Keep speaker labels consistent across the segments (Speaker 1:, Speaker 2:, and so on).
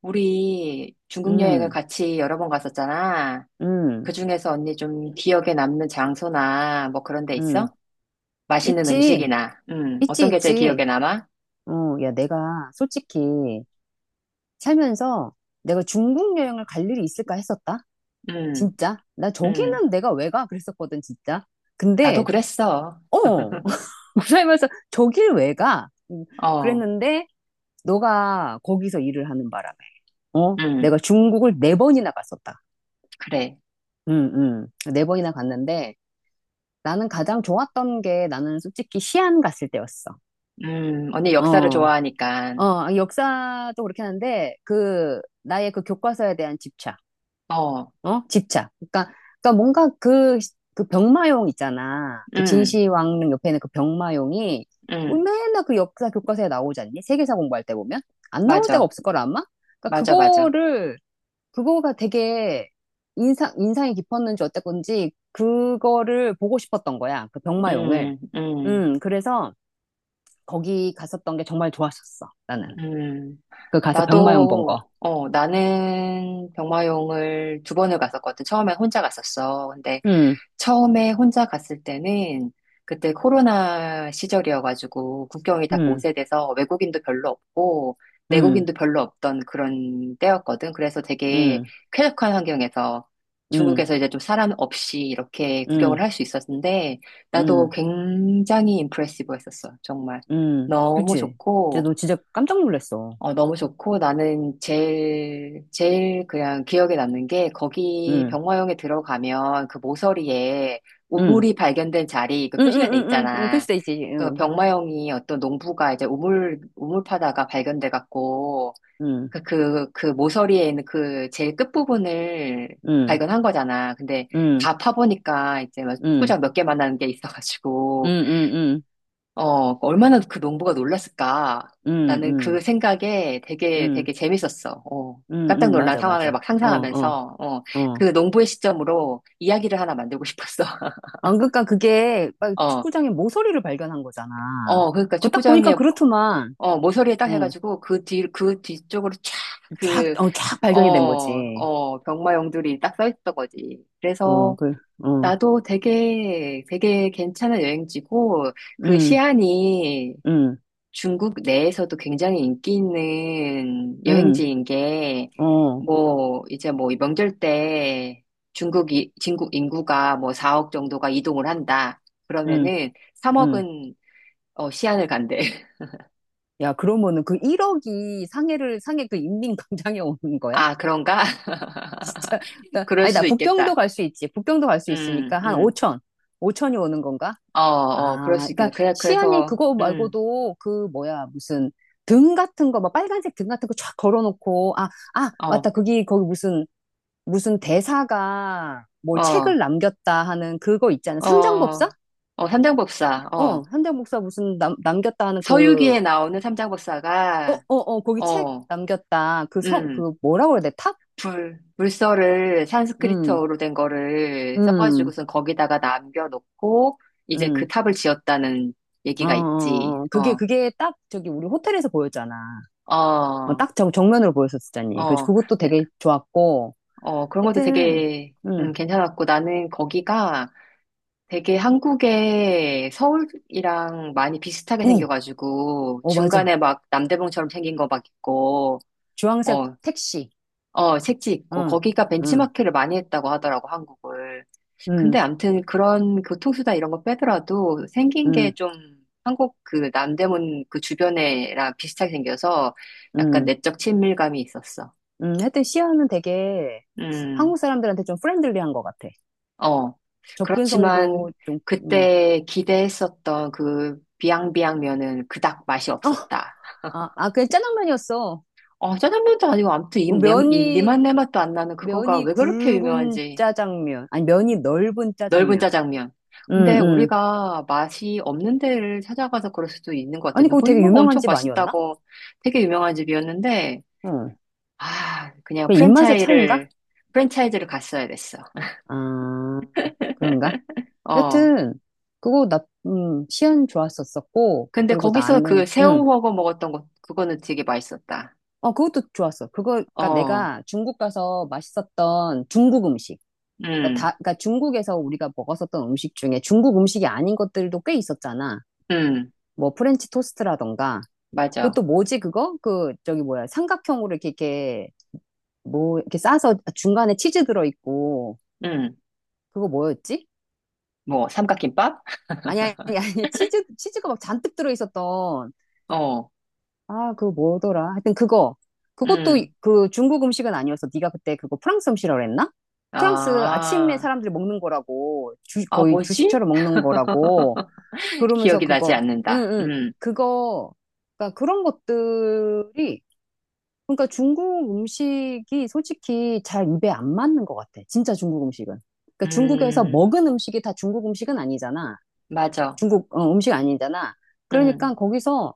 Speaker 1: 우리 중국 여행을
Speaker 2: 음,
Speaker 1: 같이 여러 번 갔었잖아.
Speaker 2: 음,
Speaker 1: 그 중에서 언니 좀 기억에 남는 장소나 뭐 그런 데
Speaker 2: 음.
Speaker 1: 있어? 맛있는
Speaker 2: 있지,
Speaker 1: 음식이나,
Speaker 2: 있지,
Speaker 1: 어떤 게 제일
Speaker 2: 있지.
Speaker 1: 기억에 남아?
Speaker 2: 어, 야, 내가 솔직히 살면서 내가 중국 여행을 갈 일이 있을까 했었다.
Speaker 1: 음,
Speaker 2: 진짜. 나
Speaker 1: 음,
Speaker 2: 저기는 내가 왜 가? 그랬었거든, 진짜.
Speaker 1: 나도
Speaker 2: 근데,
Speaker 1: 그랬어.
Speaker 2: 어, 살면서 저길 왜 가?
Speaker 1: 어,
Speaker 2: 그랬는데, 너가 거기서 일을 하는 바람에, 어? 내가
Speaker 1: 음,
Speaker 2: 중국을 네 번이나 갔었다.
Speaker 1: 그래.
Speaker 2: 응, 응, 네 번이나 갔는데, 나는 가장 좋았던 게 나는 솔직히 시안 갔을 때였어.
Speaker 1: 언니
Speaker 2: 어.
Speaker 1: 역사를
Speaker 2: 어,
Speaker 1: 좋아하니까.
Speaker 2: 아, 역사도 그렇게 하는데, 그, 나의 그 교과서에 대한 집착,
Speaker 1: 어,
Speaker 2: 어? 집착. 그러니까 뭔가 그 병마용 있잖아. 그
Speaker 1: 음,
Speaker 2: 진시황릉 옆에 있는 그 병마용이, 우리
Speaker 1: 음,
Speaker 2: 맨날 그 역사 교과서에 나오지 않니? 세계사 공부할 때 보면? 안 나올 때가
Speaker 1: 맞아.
Speaker 2: 없을 거라, 아마? 그러니까
Speaker 1: 맞아, 맞아.
Speaker 2: 그거를, 그거가 되게 인상이 깊었는지 어땠건지, 그거를 보고 싶었던 거야. 그 병마용을.
Speaker 1: 음, 음,
Speaker 2: 그래서 거기 갔었던 게 정말 좋았었어, 나는.
Speaker 1: 음.
Speaker 2: 그 가서 병마용 본 거.
Speaker 1: 나도, 어, 나는 병마용을 두 번을 갔었거든. 처음엔 혼자 갔었어. 근데
Speaker 2: 응,
Speaker 1: 처음에 혼자 갔을 때는 그때 코로나 시절이어가지고 국경이 다
Speaker 2: 응,
Speaker 1: 봉쇄돼서 외국인도 별로 없고
Speaker 2: 응,
Speaker 1: 내국인도 별로 없던 그런 때였거든. 그래서 되게
Speaker 2: 응,
Speaker 1: 쾌적한 환경에서
Speaker 2: 응,
Speaker 1: 중국에서 이제 좀 사람 없이 이렇게 구경을
Speaker 2: 응,
Speaker 1: 할 수 있었는데 나도
Speaker 2: 응,
Speaker 1: 굉장히 임프레시브했었어. 정말
Speaker 2: 응.
Speaker 1: 너무
Speaker 2: 그치. 진짜
Speaker 1: 좋고
Speaker 2: 너 진짜 깜짝 놀랐어.
Speaker 1: 어, 너무 좋고 나는 제일, 제일 그냥 기억에 남는 게 거기
Speaker 2: 응,
Speaker 1: 병화용에 들어가면 그 모서리에
Speaker 2: 응,
Speaker 1: 우물이 발견된 자리 그
Speaker 2: 응, 응,
Speaker 1: 표시가 돼
Speaker 2: 응, 응, 응.
Speaker 1: 있잖아.
Speaker 2: 표시돼 있지.
Speaker 1: 그
Speaker 2: 응,
Speaker 1: 병마용이 어떤 농부가 이제 우물 파다가 발견돼 갖고
Speaker 2: 응,
Speaker 1: 그 모서리에 있는 그 제일 끝부분을
Speaker 2: 응,
Speaker 1: 발견한 거잖아. 근데
Speaker 2: 응,
Speaker 1: 다 파보니까 이제 막
Speaker 2: 응,
Speaker 1: 축구장 몇 개 만나는 게
Speaker 2: 응,
Speaker 1: 있어가지고
Speaker 2: 응, 응,
Speaker 1: 어, 얼마나 그 농부가 놀랐을까. 나는
Speaker 2: 응,
Speaker 1: 그 생각에 되게
Speaker 2: 응,
Speaker 1: 되게 재밌었어. 어,
Speaker 2: 응,
Speaker 1: 깜짝
Speaker 2: 응,
Speaker 1: 놀란
Speaker 2: 맞아,
Speaker 1: 상황을
Speaker 2: 맞아.
Speaker 1: 막
Speaker 2: 어, 어,
Speaker 1: 상상하면서, 어, 그
Speaker 2: 어.
Speaker 1: 농부의 시점으로 이야기를 하나 만들고 싶었어.
Speaker 2: 아, 그러니까 그게 막
Speaker 1: 어,
Speaker 2: 축구장에 모서리를 발견한 거잖아.
Speaker 1: 어, 그러니까
Speaker 2: 그거 딱 보니까
Speaker 1: 축구장에,
Speaker 2: 그렇더만.
Speaker 1: 어, 모서리에 딱
Speaker 2: 어,
Speaker 1: 해가지고 그 뒤, 그 뒤쪽으로 쫙
Speaker 2: 쫙,
Speaker 1: 그,
Speaker 2: 어, 쫙
Speaker 1: 어,
Speaker 2: 발견이 된 거지.
Speaker 1: 어, 병마용들이 딱 써 있던 거지.
Speaker 2: 어,
Speaker 1: 그래서
Speaker 2: 그, 어,
Speaker 1: 나도 되게, 되게 괜찮은 여행지고 그
Speaker 2: 응,
Speaker 1: 시안이
Speaker 2: 응,
Speaker 1: 중국 내에서도 굉장히 인기 있는
Speaker 2: 응.
Speaker 1: 여행지인 게,
Speaker 2: 어,
Speaker 1: 뭐, 이제 뭐, 명절 때 중국 인구가 뭐 4억 정도가 이동을 한다.
Speaker 2: 응,
Speaker 1: 그러면은
Speaker 2: 응.
Speaker 1: 3억은 어, 시안을 간대.
Speaker 2: 야, 그러면은 그 1억이 상해 그 인민광장에 오는 거야?
Speaker 1: 아, 그런가?
Speaker 2: 진짜, 나,
Speaker 1: 그럴
Speaker 2: 아니, 나
Speaker 1: 수도
Speaker 2: 북경도
Speaker 1: 있겠다.
Speaker 2: 갈 수 있지. 북경도 갈 수
Speaker 1: 음,
Speaker 2: 있으니까 한
Speaker 1: 음.
Speaker 2: 5천. 5천이 오는 건가?
Speaker 1: 어, 어, 그럴
Speaker 2: 아,
Speaker 1: 수 있겠다.
Speaker 2: 그러니까
Speaker 1: 그래,
Speaker 2: 시안이
Speaker 1: 그래서,
Speaker 2: 그거 말고도 그 뭐야, 무슨 등 같은 거, 막 빨간색 등 같은 거 쫙 걸어놓고, 아, 아, 맞다.
Speaker 1: 어,
Speaker 2: 거기 무슨 대사가 뭘
Speaker 1: 어,
Speaker 2: 책을 남겼다 하는 그거 있잖아. 삼장법사?
Speaker 1: 어, 어, 삼장법사, 어.
Speaker 2: 어, 삼장법사 무슨 남겼다 하는 그
Speaker 1: 서유기에 나오는
Speaker 2: 어,
Speaker 1: 삼장법사가,
Speaker 2: 어, 어, 거기 책
Speaker 1: 어,
Speaker 2: 남겼다. 그 성,
Speaker 1: 음.
Speaker 2: 그 뭐라고 그래야 돼? 탁?
Speaker 1: 불 물서를
Speaker 2: 음,
Speaker 1: 산스크리트어로 된 거를
Speaker 2: 음,
Speaker 1: 써가지고선 거기다가 남겨놓고 이제 그
Speaker 2: 음.
Speaker 1: 탑을 지었다는
Speaker 2: 어,
Speaker 1: 얘기가 있지.
Speaker 2: 어, 어. 그게,
Speaker 1: 어,
Speaker 2: 그게 딱 저기 우리 호텔에서 보였잖아. 어,
Speaker 1: 어,
Speaker 2: 딱 정, 정면으로 보였었잖니. 그,
Speaker 1: 어,
Speaker 2: 그것도 되게 좋았고.
Speaker 1: 어, 그런 것도
Speaker 2: 하여튼,
Speaker 1: 되게
Speaker 2: 음,
Speaker 1: 괜찮았고 나는 거기가 되게 한국의 서울이랑 많이 비슷하게
Speaker 2: 응,
Speaker 1: 생겨가지고
Speaker 2: 어, 맞아.
Speaker 1: 중간에 막 남대문처럼 생긴 거 막 있고
Speaker 2: 주황색
Speaker 1: 어,
Speaker 2: 택시.
Speaker 1: 어, 색지 있고,
Speaker 2: 응,
Speaker 1: 거기가
Speaker 2: 응,
Speaker 1: 벤치마킹을 많이 했다고 하더라고, 한국을.
Speaker 2: 응,
Speaker 1: 근데 암튼 그런 교통수단 이런 거 빼더라도 생긴
Speaker 2: 응,
Speaker 1: 게 좀 한국 그 남대문 그 주변에랑 비슷하게 생겨서 약간
Speaker 2: 응,
Speaker 1: 내적 친밀감이 있었어.
Speaker 2: 응. 하여튼 시아는 되게
Speaker 1: 음,
Speaker 2: 한국 사람들한테 좀 프렌들리한 것 같아.
Speaker 1: 어.
Speaker 2: 접근성도
Speaker 1: 그렇지만
Speaker 2: 좀, 음.
Speaker 1: 그때 기대했었던 그 비앙비앙면은 그닥 맛이
Speaker 2: 어,
Speaker 1: 없었다.
Speaker 2: 아, 아, 그냥 짜장면이었어.
Speaker 1: 어, 짜장면도 아니고 아무튼 이, 내, 이,
Speaker 2: 면이,
Speaker 1: 니맛 내맛도 안 나는 그거가
Speaker 2: 면이
Speaker 1: 왜 그렇게
Speaker 2: 굵은
Speaker 1: 유명한지.
Speaker 2: 짜장면. 아니, 면이 넓은
Speaker 1: 넓은
Speaker 2: 짜장면.
Speaker 1: 짜장면.
Speaker 2: 응,
Speaker 1: 근데
Speaker 2: 응.
Speaker 1: 우리가 맛이 없는 데를 찾아가서 그럴 수도 있는 것 같아.
Speaker 2: 아니, 그거 되게
Speaker 1: 누구는 막
Speaker 2: 유명한
Speaker 1: 엄청
Speaker 2: 집 아니었나?
Speaker 1: 맛있다고 되게 유명한 집이었는데,
Speaker 2: 응.
Speaker 1: 아, 그냥
Speaker 2: 그 입맛의 차이인가?
Speaker 1: 프랜차이즈를 갔어야 됐어.
Speaker 2: 아, 그런가?
Speaker 1: 어.
Speaker 2: 여튼, 그거 나, 시연 좋았었었고,
Speaker 1: 근데
Speaker 2: 그리고
Speaker 1: 거기서
Speaker 2: 나는,
Speaker 1: 그
Speaker 2: 응.
Speaker 1: 새우훠궈 먹었던 것, 그거는 되게 맛있었다.
Speaker 2: 어, 그것도 좋았어. 그거, 그니까
Speaker 1: 어.
Speaker 2: 내가 중국 가서 맛있었던 중국 음식. 그니까
Speaker 1: 음,
Speaker 2: 다, 그니까 중국에서 우리가 먹었었던 음식 중에 중국 음식이 아닌 것들도 꽤 있었잖아.
Speaker 1: 음,
Speaker 2: 뭐, 프렌치 토스트라던가.
Speaker 1: 맞아.
Speaker 2: 그것도 뭐지 그거? 그 저기 뭐야 삼각형으로 이렇게 이렇게 뭐 이렇게 싸서 중간에 치즈 들어 있고
Speaker 1: 음,
Speaker 2: 그거 뭐였지?
Speaker 1: 뭐, 삼각김밥?
Speaker 2: 아니 아니 아니 치즈가 막 잔뜩 들어 있었던
Speaker 1: 어,
Speaker 2: 아 그거 뭐더라? 하여튼 그거 그것도
Speaker 1: 음.
Speaker 2: 그 중국 음식은 아니어서 네가 그때 그거 프랑스 음식이라고 그랬나? 프랑스 아침에
Speaker 1: 아,
Speaker 2: 사람들이 먹는 거라고 주
Speaker 1: 아,
Speaker 2: 거의
Speaker 1: 뭐지?
Speaker 2: 주식처럼 먹는 거라고 그러면서
Speaker 1: 기억이 나지
Speaker 2: 그거
Speaker 1: 않는다.
Speaker 2: 응응 그거 그러니까 그런 것들이 그러니까 중국 음식이 솔직히 잘 입에 안 맞는 것 같아. 진짜 중국 음식은. 그러니까 중국에서
Speaker 1: 음.
Speaker 2: 먹은 음식이 다 중국 음식은 아니잖아.
Speaker 1: 맞아.
Speaker 2: 중국 음식 아니잖아.
Speaker 1: 응.
Speaker 2: 그러니까 거기서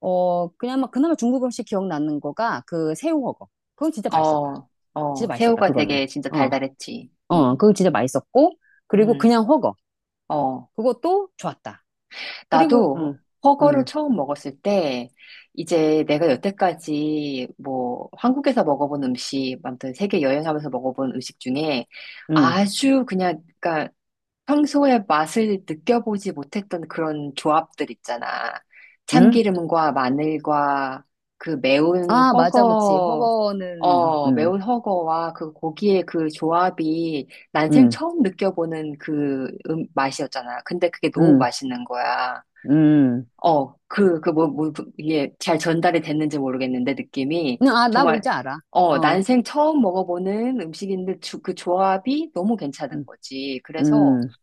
Speaker 2: 그냥 막 그나마 중국 음식 기억나는 거가 그 새우훠궈. 그건 진짜 맛있었다.
Speaker 1: 어,
Speaker 2: 진짜
Speaker 1: 어,
Speaker 2: 맛있었다.
Speaker 1: 새우가
Speaker 2: 그거는.
Speaker 1: 되게 진짜
Speaker 2: 어,
Speaker 1: 달달했지.
Speaker 2: 어,
Speaker 1: 응,
Speaker 2: 그거 진짜 맛있었고 그리고
Speaker 1: 응,
Speaker 2: 그냥훠궈.
Speaker 1: 어.
Speaker 2: 그것도 좋았다. 그리고
Speaker 1: 나도
Speaker 2: 응,
Speaker 1: 허거를
Speaker 2: 응,
Speaker 1: 처음 먹었을 때, 이제 내가 여태까지 뭐 한국에서 먹어본 음식, 아무튼 세계 여행하면서 먹어본 음식 중에
Speaker 2: 응,
Speaker 1: 아주 그냥, 그러니까 평소에 맛을 느껴보지 못했던 그런 조합들 있잖아.
Speaker 2: 응.
Speaker 1: 참기름과 마늘과 그 매운
Speaker 2: 아 맞아,
Speaker 1: 허거,
Speaker 2: 그치.훠궈는
Speaker 1: 어,
Speaker 2: 응,
Speaker 1: 매운 허거와 그 고기의 그 조합이 난생
Speaker 2: 응,
Speaker 1: 처음 느껴보는 그 맛이었잖아. 근데 그게 너무
Speaker 2: 응,
Speaker 1: 맛있는 거야.
Speaker 2: 응.
Speaker 1: 어, 그, 그 뭐, 그 이게 잘 전달이 됐는지 모르겠는데 느낌이
Speaker 2: 응, 아, 나
Speaker 1: 정말,
Speaker 2: 뭔지 알아.
Speaker 1: 어,
Speaker 2: 어,
Speaker 1: 난생 처음 먹어보는 음식인데 주- 그 조합이 너무 괜찮은
Speaker 2: 음,
Speaker 1: 거지. 그래서
Speaker 2: 음,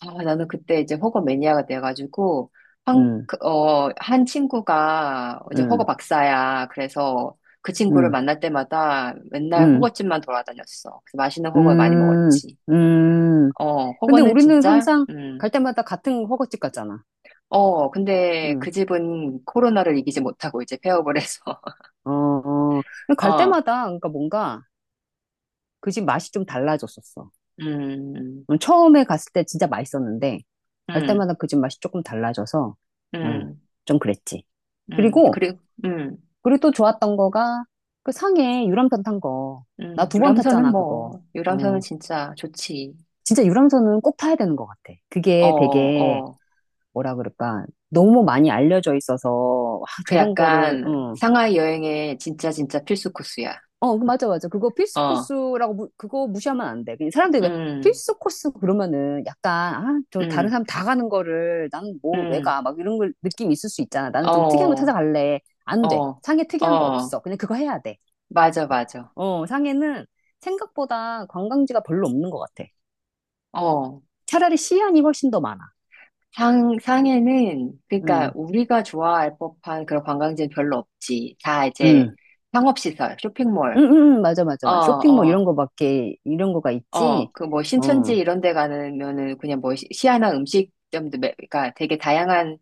Speaker 1: 아, 나는 그때 이제 허거 매니아가 돼가지고, 한,
Speaker 2: 음,
Speaker 1: 그, 어, 한 친구가 이제 허거
Speaker 2: 음,
Speaker 1: 박사야. 그래서 그 친구를
Speaker 2: 음,
Speaker 1: 만날 때마다 맨날
Speaker 2: 음,
Speaker 1: 허거집만 돌아다녔어. 그래서 맛있는 허거 많이
Speaker 2: 음,
Speaker 1: 먹었지.
Speaker 2: 음.
Speaker 1: 어,
Speaker 2: 근데
Speaker 1: 허거는
Speaker 2: 우리는
Speaker 1: 진짜,
Speaker 2: 항상 갈 때마다 같은 허거집 갔잖아.
Speaker 1: 어, 근데
Speaker 2: 음,
Speaker 1: 그 집은 코로나를 이기지 못하고 이제 폐업을 해서,
Speaker 2: 어, 어. 근데 갈
Speaker 1: 어,
Speaker 2: 때마다, 그러니까 뭔가 그 집 맛이 좀 달라졌었어.
Speaker 1: 음,
Speaker 2: 처음에 갔을 때 진짜 맛있었는데, 갈
Speaker 1: 음,
Speaker 2: 때마다 그 집 맛이 조금 달라져서, 음,
Speaker 1: 음,
Speaker 2: 좀 그랬지. 그리고,
Speaker 1: 그리고, 음,
Speaker 2: 그리고 또 좋았던 거가 그 상해 유람선 탄 거. 나 두 번
Speaker 1: 유람선은
Speaker 2: 탔잖아, 그거.
Speaker 1: 뭐, 유람선은
Speaker 2: 응.
Speaker 1: 진짜 좋지.
Speaker 2: 진짜 유람선은 꼭 타야 되는 것 같아.
Speaker 1: 어,
Speaker 2: 그게 되게,
Speaker 1: 어.
Speaker 2: 뭐라 그럴까. 너무 많이 알려져 있어서, 와,
Speaker 1: 그
Speaker 2: 저런 거를,
Speaker 1: 약간
Speaker 2: 응.
Speaker 1: 상하이 여행의 진짜 진짜 필수 코스야.
Speaker 2: 어, 그 맞아, 맞아. 그거 필수
Speaker 1: 어,
Speaker 2: 코스라고, 그거 무시하면 안 돼. 그냥 사람들이 왜
Speaker 1: 음,
Speaker 2: 필수 코스 그러면은 약간, 아, 저 다른
Speaker 1: 음,
Speaker 2: 사람 다 가는 거를 나는 뭐, 왜
Speaker 1: 음,
Speaker 2: 가? 막 이런 걸 느낌 있을 수 있잖아. 나는 좀 특이한 거
Speaker 1: 어,
Speaker 2: 찾아갈래. 안 돼.
Speaker 1: 어,
Speaker 2: 상해 특이한 거
Speaker 1: 어,
Speaker 2: 없어. 그냥 그거 해야 돼.
Speaker 1: 맞아, 맞아.
Speaker 2: 어, 상해는 생각보다 관광지가 별로 없는 것 같아.
Speaker 1: 어,
Speaker 2: 차라리 시안이 훨씬 더 많아.
Speaker 1: 상해는, 그러니까
Speaker 2: 음,
Speaker 1: 우리가 좋아할 법한 그런 관광지는 별로 없지. 다 이제
Speaker 2: 음.
Speaker 1: 상업시설,
Speaker 2: 응,
Speaker 1: 쇼핑몰,
Speaker 2: 응, 응, 맞아, 맞아,
Speaker 1: 어,
Speaker 2: 맞아. 쇼핑 뭐 이런
Speaker 1: 어,
Speaker 2: 거밖에, 이런 거가 있지?
Speaker 1: 어, 그 뭐 신천지
Speaker 2: 어,
Speaker 1: 이런 데 가면은 그냥 뭐 시- 시아나 음식점도, 매, 그러니까 되게 다양한,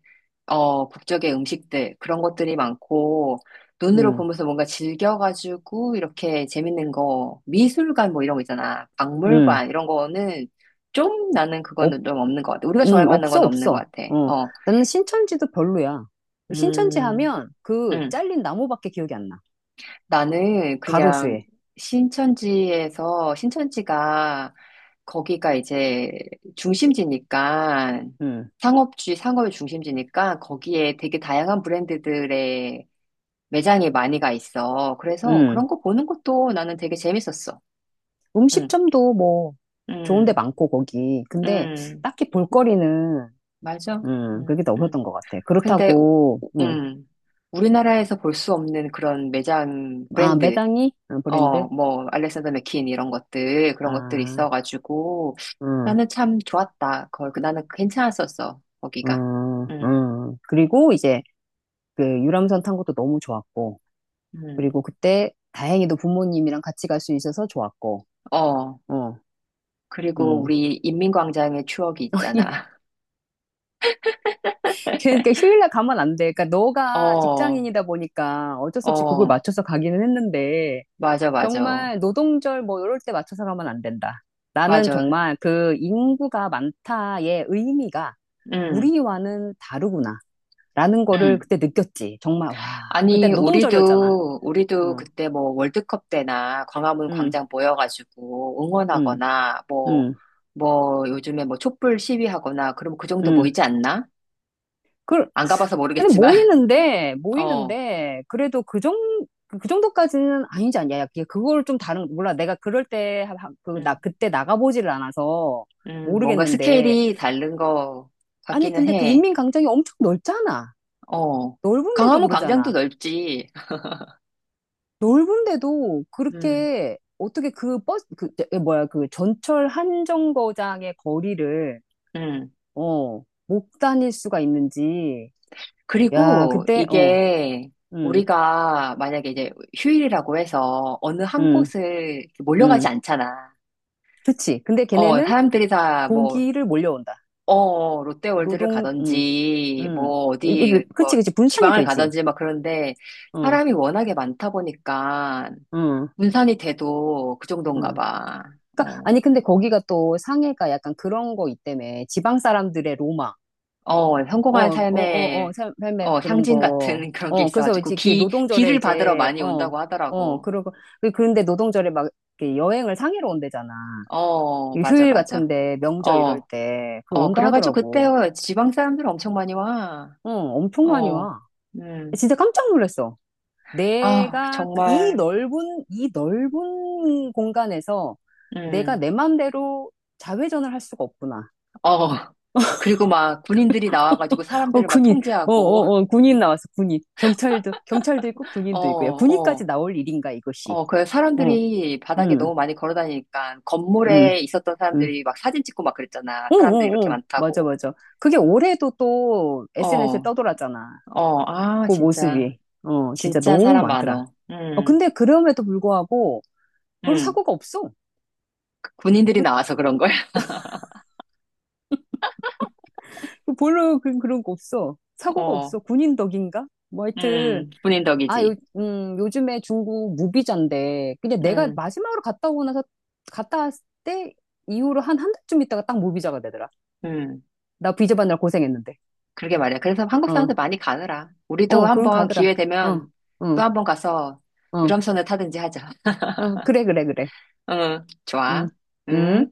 Speaker 1: 어, 국적의 음식들, 그런 것들이 많고, 눈으로
Speaker 2: 응,
Speaker 1: 보면서 뭔가 즐겨가지고, 이렇게 재밌는 거, 미술관 뭐 이런 거 있잖아.
Speaker 2: 응.
Speaker 1: 박물관, 이런 거는 좀 나는
Speaker 2: 없,
Speaker 1: 그거는 좀 없는 것 같아. 우리가 좋아할
Speaker 2: 응,
Speaker 1: 만한
Speaker 2: 없어,
Speaker 1: 건 없는 것
Speaker 2: 없어.
Speaker 1: 같아.
Speaker 2: 어,
Speaker 1: 어,
Speaker 2: 나는 신천지도 별로야. 신천지
Speaker 1: 음,
Speaker 2: 하면 그
Speaker 1: 음.
Speaker 2: 잘린 나무밖에 기억이 안 나.
Speaker 1: 나는 그냥
Speaker 2: 가로수에.
Speaker 1: 신천지에서, 신천지가 거기가 이제 중심지니까
Speaker 2: 응,
Speaker 1: 상업의 중심지니까 거기에 되게 다양한 브랜드들의 매장이 많이 가 있어. 그래서
Speaker 2: 응.
Speaker 1: 그런 거 보는 것도 나는 되게 재밌었어. 응,
Speaker 2: 음식점도 뭐 좋은 데
Speaker 1: 응,
Speaker 2: 많고, 거기. 근데
Speaker 1: 응,
Speaker 2: 딱히 볼거리는,
Speaker 1: 맞아.
Speaker 2: 응, 그게
Speaker 1: 응,
Speaker 2: 더 없었던
Speaker 1: 응.
Speaker 2: 것 같아.
Speaker 1: 근데, 우-
Speaker 2: 그렇다고, 응.
Speaker 1: 음, 우리나라에서 볼 수 없는 그런 매장
Speaker 2: 아,
Speaker 1: 브랜드,
Speaker 2: 매당이? 어, 브랜드?
Speaker 1: 어, 뭐, 알렉산더 맥퀸 이런 것들, 그런 것들이
Speaker 2: 아,
Speaker 1: 있어가지고,
Speaker 2: 응,
Speaker 1: 나는 참 좋았다. 거, 나는 괜찮았었어, 거기가.
Speaker 2: 응,
Speaker 1: 응,
Speaker 2: 응. 그리고 이제, 그 유람선 탄 것도 너무 좋았고,
Speaker 1: 응,
Speaker 2: 그리고 그때 다행히도 부모님이랑 같이 갈 수 있어서 좋았고,
Speaker 1: 어.
Speaker 2: 어,
Speaker 1: 그리고
Speaker 2: 음.
Speaker 1: 우리 인민광장의 추억이 있잖아.
Speaker 2: 그러니까 휴일날 가면 안 돼. 그러니까 너가
Speaker 1: 어,
Speaker 2: 직장인이다 보니까 어쩔 수 없이 그걸
Speaker 1: 어,
Speaker 2: 맞춰서 가기는 했는데,
Speaker 1: 맞아, 맞아.
Speaker 2: 정말 노동절 뭐 이럴 때 맞춰서 가면 안 된다. 나는
Speaker 1: 맞아.
Speaker 2: 정말 그 인구가 많다의 의미가
Speaker 1: 응,
Speaker 2: 우리와는 다르구나. 라는 거를
Speaker 1: 응.
Speaker 2: 그때 느꼈지. 정말, 와. 그때
Speaker 1: 아니,
Speaker 2: 노동절이었잖아.
Speaker 1: 우리도
Speaker 2: 응,
Speaker 1: 그때 뭐 월드컵 때나 광화문
Speaker 2: 응,
Speaker 1: 광장 모여가지고
Speaker 2: 응,
Speaker 1: 응원하거나, 뭐,
Speaker 2: 응,
Speaker 1: 요즘에 뭐 촛불 시위하거나, 그럼 그 정도
Speaker 2: 응.
Speaker 1: 모이지 않나?
Speaker 2: 그,
Speaker 1: 안 가봐서
Speaker 2: 근데
Speaker 1: 모르겠지만,
Speaker 2: 모이는데,
Speaker 1: 어,
Speaker 2: 모이는데, 그래도 그 정, 그 정도까지는 아니지 않냐. 야, 그걸 좀 다른, 몰라. 내가 그럴 때, 그, 나,
Speaker 1: 음,
Speaker 2: 그때 나가보지를 않아서
Speaker 1: 뭔가
Speaker 2: 모르겠는데.
Speaker 1: 스케일이 다른 거
Speaker 2: 아니,
Speaker 1: 같기는
Speaker 2: 근데 그
Speaker 1: 해.
Speaker 2: 인민광장이 엄청 넓잖아.
Speaker 1: 어,
Speaker 2: 넓은데도
Speaker 1: 강화문 광장도
Speaker 2: 그러잖아.
Speaker 1: 넓지.
Speaker 2: 넓은데도
Speaker 1: 음,
Speaker 2: 그렇게, 어떻게 그 버스, 그, 저, 그 뭐야, 그 전철 한 정거장의 거리를,
Speaker 1: 음.
Speaker 2: 어, 못 다닐 수가 있는지. 야,
Speaker 1: 그리고
Speaker 2: 그때, 어,
Speaker 1: 이게
Speaker 2: 응,
Speaker 1: 우리가 만약에 이제 휴일이라고 해서 어느 한
Speaker 2: 응,
Speaker 1: 곳을 이렇게 몰려가지
Speaker 2: 응.
Speaker 1: 않잖아.
Speaker 2: 그치. 근데
Speaker 1: 어,
Speaker 2: 걔네는
Speaker 1: 사람들이 다 뭐,
Speaker 2: 고기를 몰려온다.
Speaker 1: 어, 롯데월드를
Speaker 2: 노동,
Speaker 1: 가든지,
Speaker 2: 음.
Speaker 1: 뭐, 어디,
Speaker 2: 그, 그치,
Speaker 1: 뭐,
Speaker 2: 그치. 분산이
Speaker 1: 지방을
Speaker 2: 되지.
Speaker 1: 가든지 막 그런데
Speaker 2: 응,
Speaker 1: 사람이 워낙에 많다 보니까
Speaker 2: 응,
Speaker 1: 분산이 돼도 그 정도인가
Speaker 2: 응.
Speaker 1: 봐.
Speaker 2: 그러니까,
Speaker 1: 어,
Speaker 2: 아니, 근데 거기가 또 상해가 약간 그런 거 있다며. 지방 사람들의 로마.
Speaker 1: 어,
Speaker 2: 어,
Speaker 1: 성공한
Speaker 2: 어, 어, 어,
Speaker 1: 삶의
Speaker 2: 삶의
Speaker 1: 어,
Speaker 2: 그런
Speaker 1: 상징
Speaker 2: 거.
Speaker 1: 같은 그런 게
Speaker 2: 어, 그래서 이제
Speaker 1: 있어가지고
Speaker 2: 이렇게
Speaker 1: 기,
Speaker 2: 노동절에
Speaker 1: 기를 받으러
Speaker 2: 이제,
Speaker 1: 많이
Speaker 2: 어,
Speaker 1: 온다고
Speaker 2: 어,
Speaker 1: 하더라고.
Speaker 2: 그러고. 그런데 노동절에 막 이렇게 여행을 상해로 온대잖아.
Speaker 1: 어,
Speaker 2: 이
Speaker 1: 맞아,
Speaker 2: 휴일
Speaker 1: 맞아.
Speaker 2: 같은데, 명절 이럴
Speaker 1: 어,
Speaker 2: 때. 그
Speaker 1: 어,
Speaker 2: 온다
Speaker 1: 그래가지고 그때
Speaker 2: 하더라고.
Speaker 1: 지방 사람들 엄청 많이 와.
Speaker 2: 어, 엄청 많이
Speaker 1: 어,
Speaker 2: 와.
Speaker 1: 음,
Speaker 2: 진짜 깜짝 놀랐어.
Speaker 1: 아,
Speaker 2: 내가 그이
Speaker 1: 정말,
Speaker 2: 넓은 이 넓은 공간에서 내가
Speaker 1: 음,
Speaker 2: 내 맘대로 자회전을 할 수가 없구나.
Speaker 1: 어. 그리고 막 군인들이 나와가지고
Speaker 2: 어
Speaker 1: 사람들을 막
Speaker 2: 군인, 어
Speaker 1: 통제하고,
Speaker 2: 어 어 군인 나왔어 군인. 경찰도 있고 군인도 있고 야 군인까지
Speaker 1: 어,
Speaker 2: 나올 일인가 이것이.
Speaker 1: 어, 그
Speaker 2: 어,
Speaker 1: 사람들이 바닥에
Speaker 2: 음,
Speaker 1: 너무 많이 걸어 다니니까
Speaker 2: 음,
Speaker 1: 건물에 있었던
Speaker 2: 음.
Speaker 1: 사람들이 막 사진 찍고 막 그랬잖아.
Speaker 2: 어,
Speaker 1: 사람들 이렇게
Speaker 2: 어,
Speaker 1: 이
Speaker 2: 어, 맞아,
Speaker 1: 많다고.
Speaker 2: 맞아. 그게 올해도 또 SNS에
Speaker 1: 어,
Speaker 2: 떠돌았잖아.
Speaker 1: 어, 아,
Speaker 2: 그
Speaker 1: 진짜.
Speaker 2: 모습이. 어, 진짜
Speaker 1: 진짜
Speaker 2: 너무
Speaker 1: 사람
Speaker 2: 많더라.
Speaker 1: 많어.
Speaker 2: 어, 근데 그럼에도 불구하고 별로
Speaker 1: 음.
Speaker 2: 사고가 없어.
Speaker 1: 군인들이 나와서 그런 거야.
Speaker 2: 그 별로 그런 거 없어. 사고가 없어.
Speaker 1: 어,
Speaker 2: 군인 덕인가? 뭐 하여튼,
Speaker 1: 군인
Speaker 2: 아,
Speaker 1: 덕이지.
Speaker 2: 요즘에 중국 무비자인데, 그냥 내가
Speaker 1: 음,
Speaker 2: 마지막으로 갔다 오고 나서, 갔다 왔을 때 이후로 한 한 달쯤 있다가 딱 무비자가 되더라.
Speaker 1: 음.
Speaker 2: 나 비자 받느라 고생했는데.
Speaker 1: 그러게 말이야. 그래서 한국
Speaker 2: 어,
Speaker 1: 사람들 많이 가느라. 우리도
Speaker 2: 어, 그런
Speaker 1: 한번
Speaker 2: 가더라.
Speaker 1: 기회
Speaker 2: 어,
Speaker 1: 되면
Speaker 2: 어,
Speaker 1: 또 한번 가서
Speaker 2: 어,
Speaker 1: 유람선을 타든지 하자.
Speaker 2: 어, 그래, 그래, 그래.
Speaker 1: 응, 좋아.
Speaker 2: 응, 응.
Speaker 1: 응.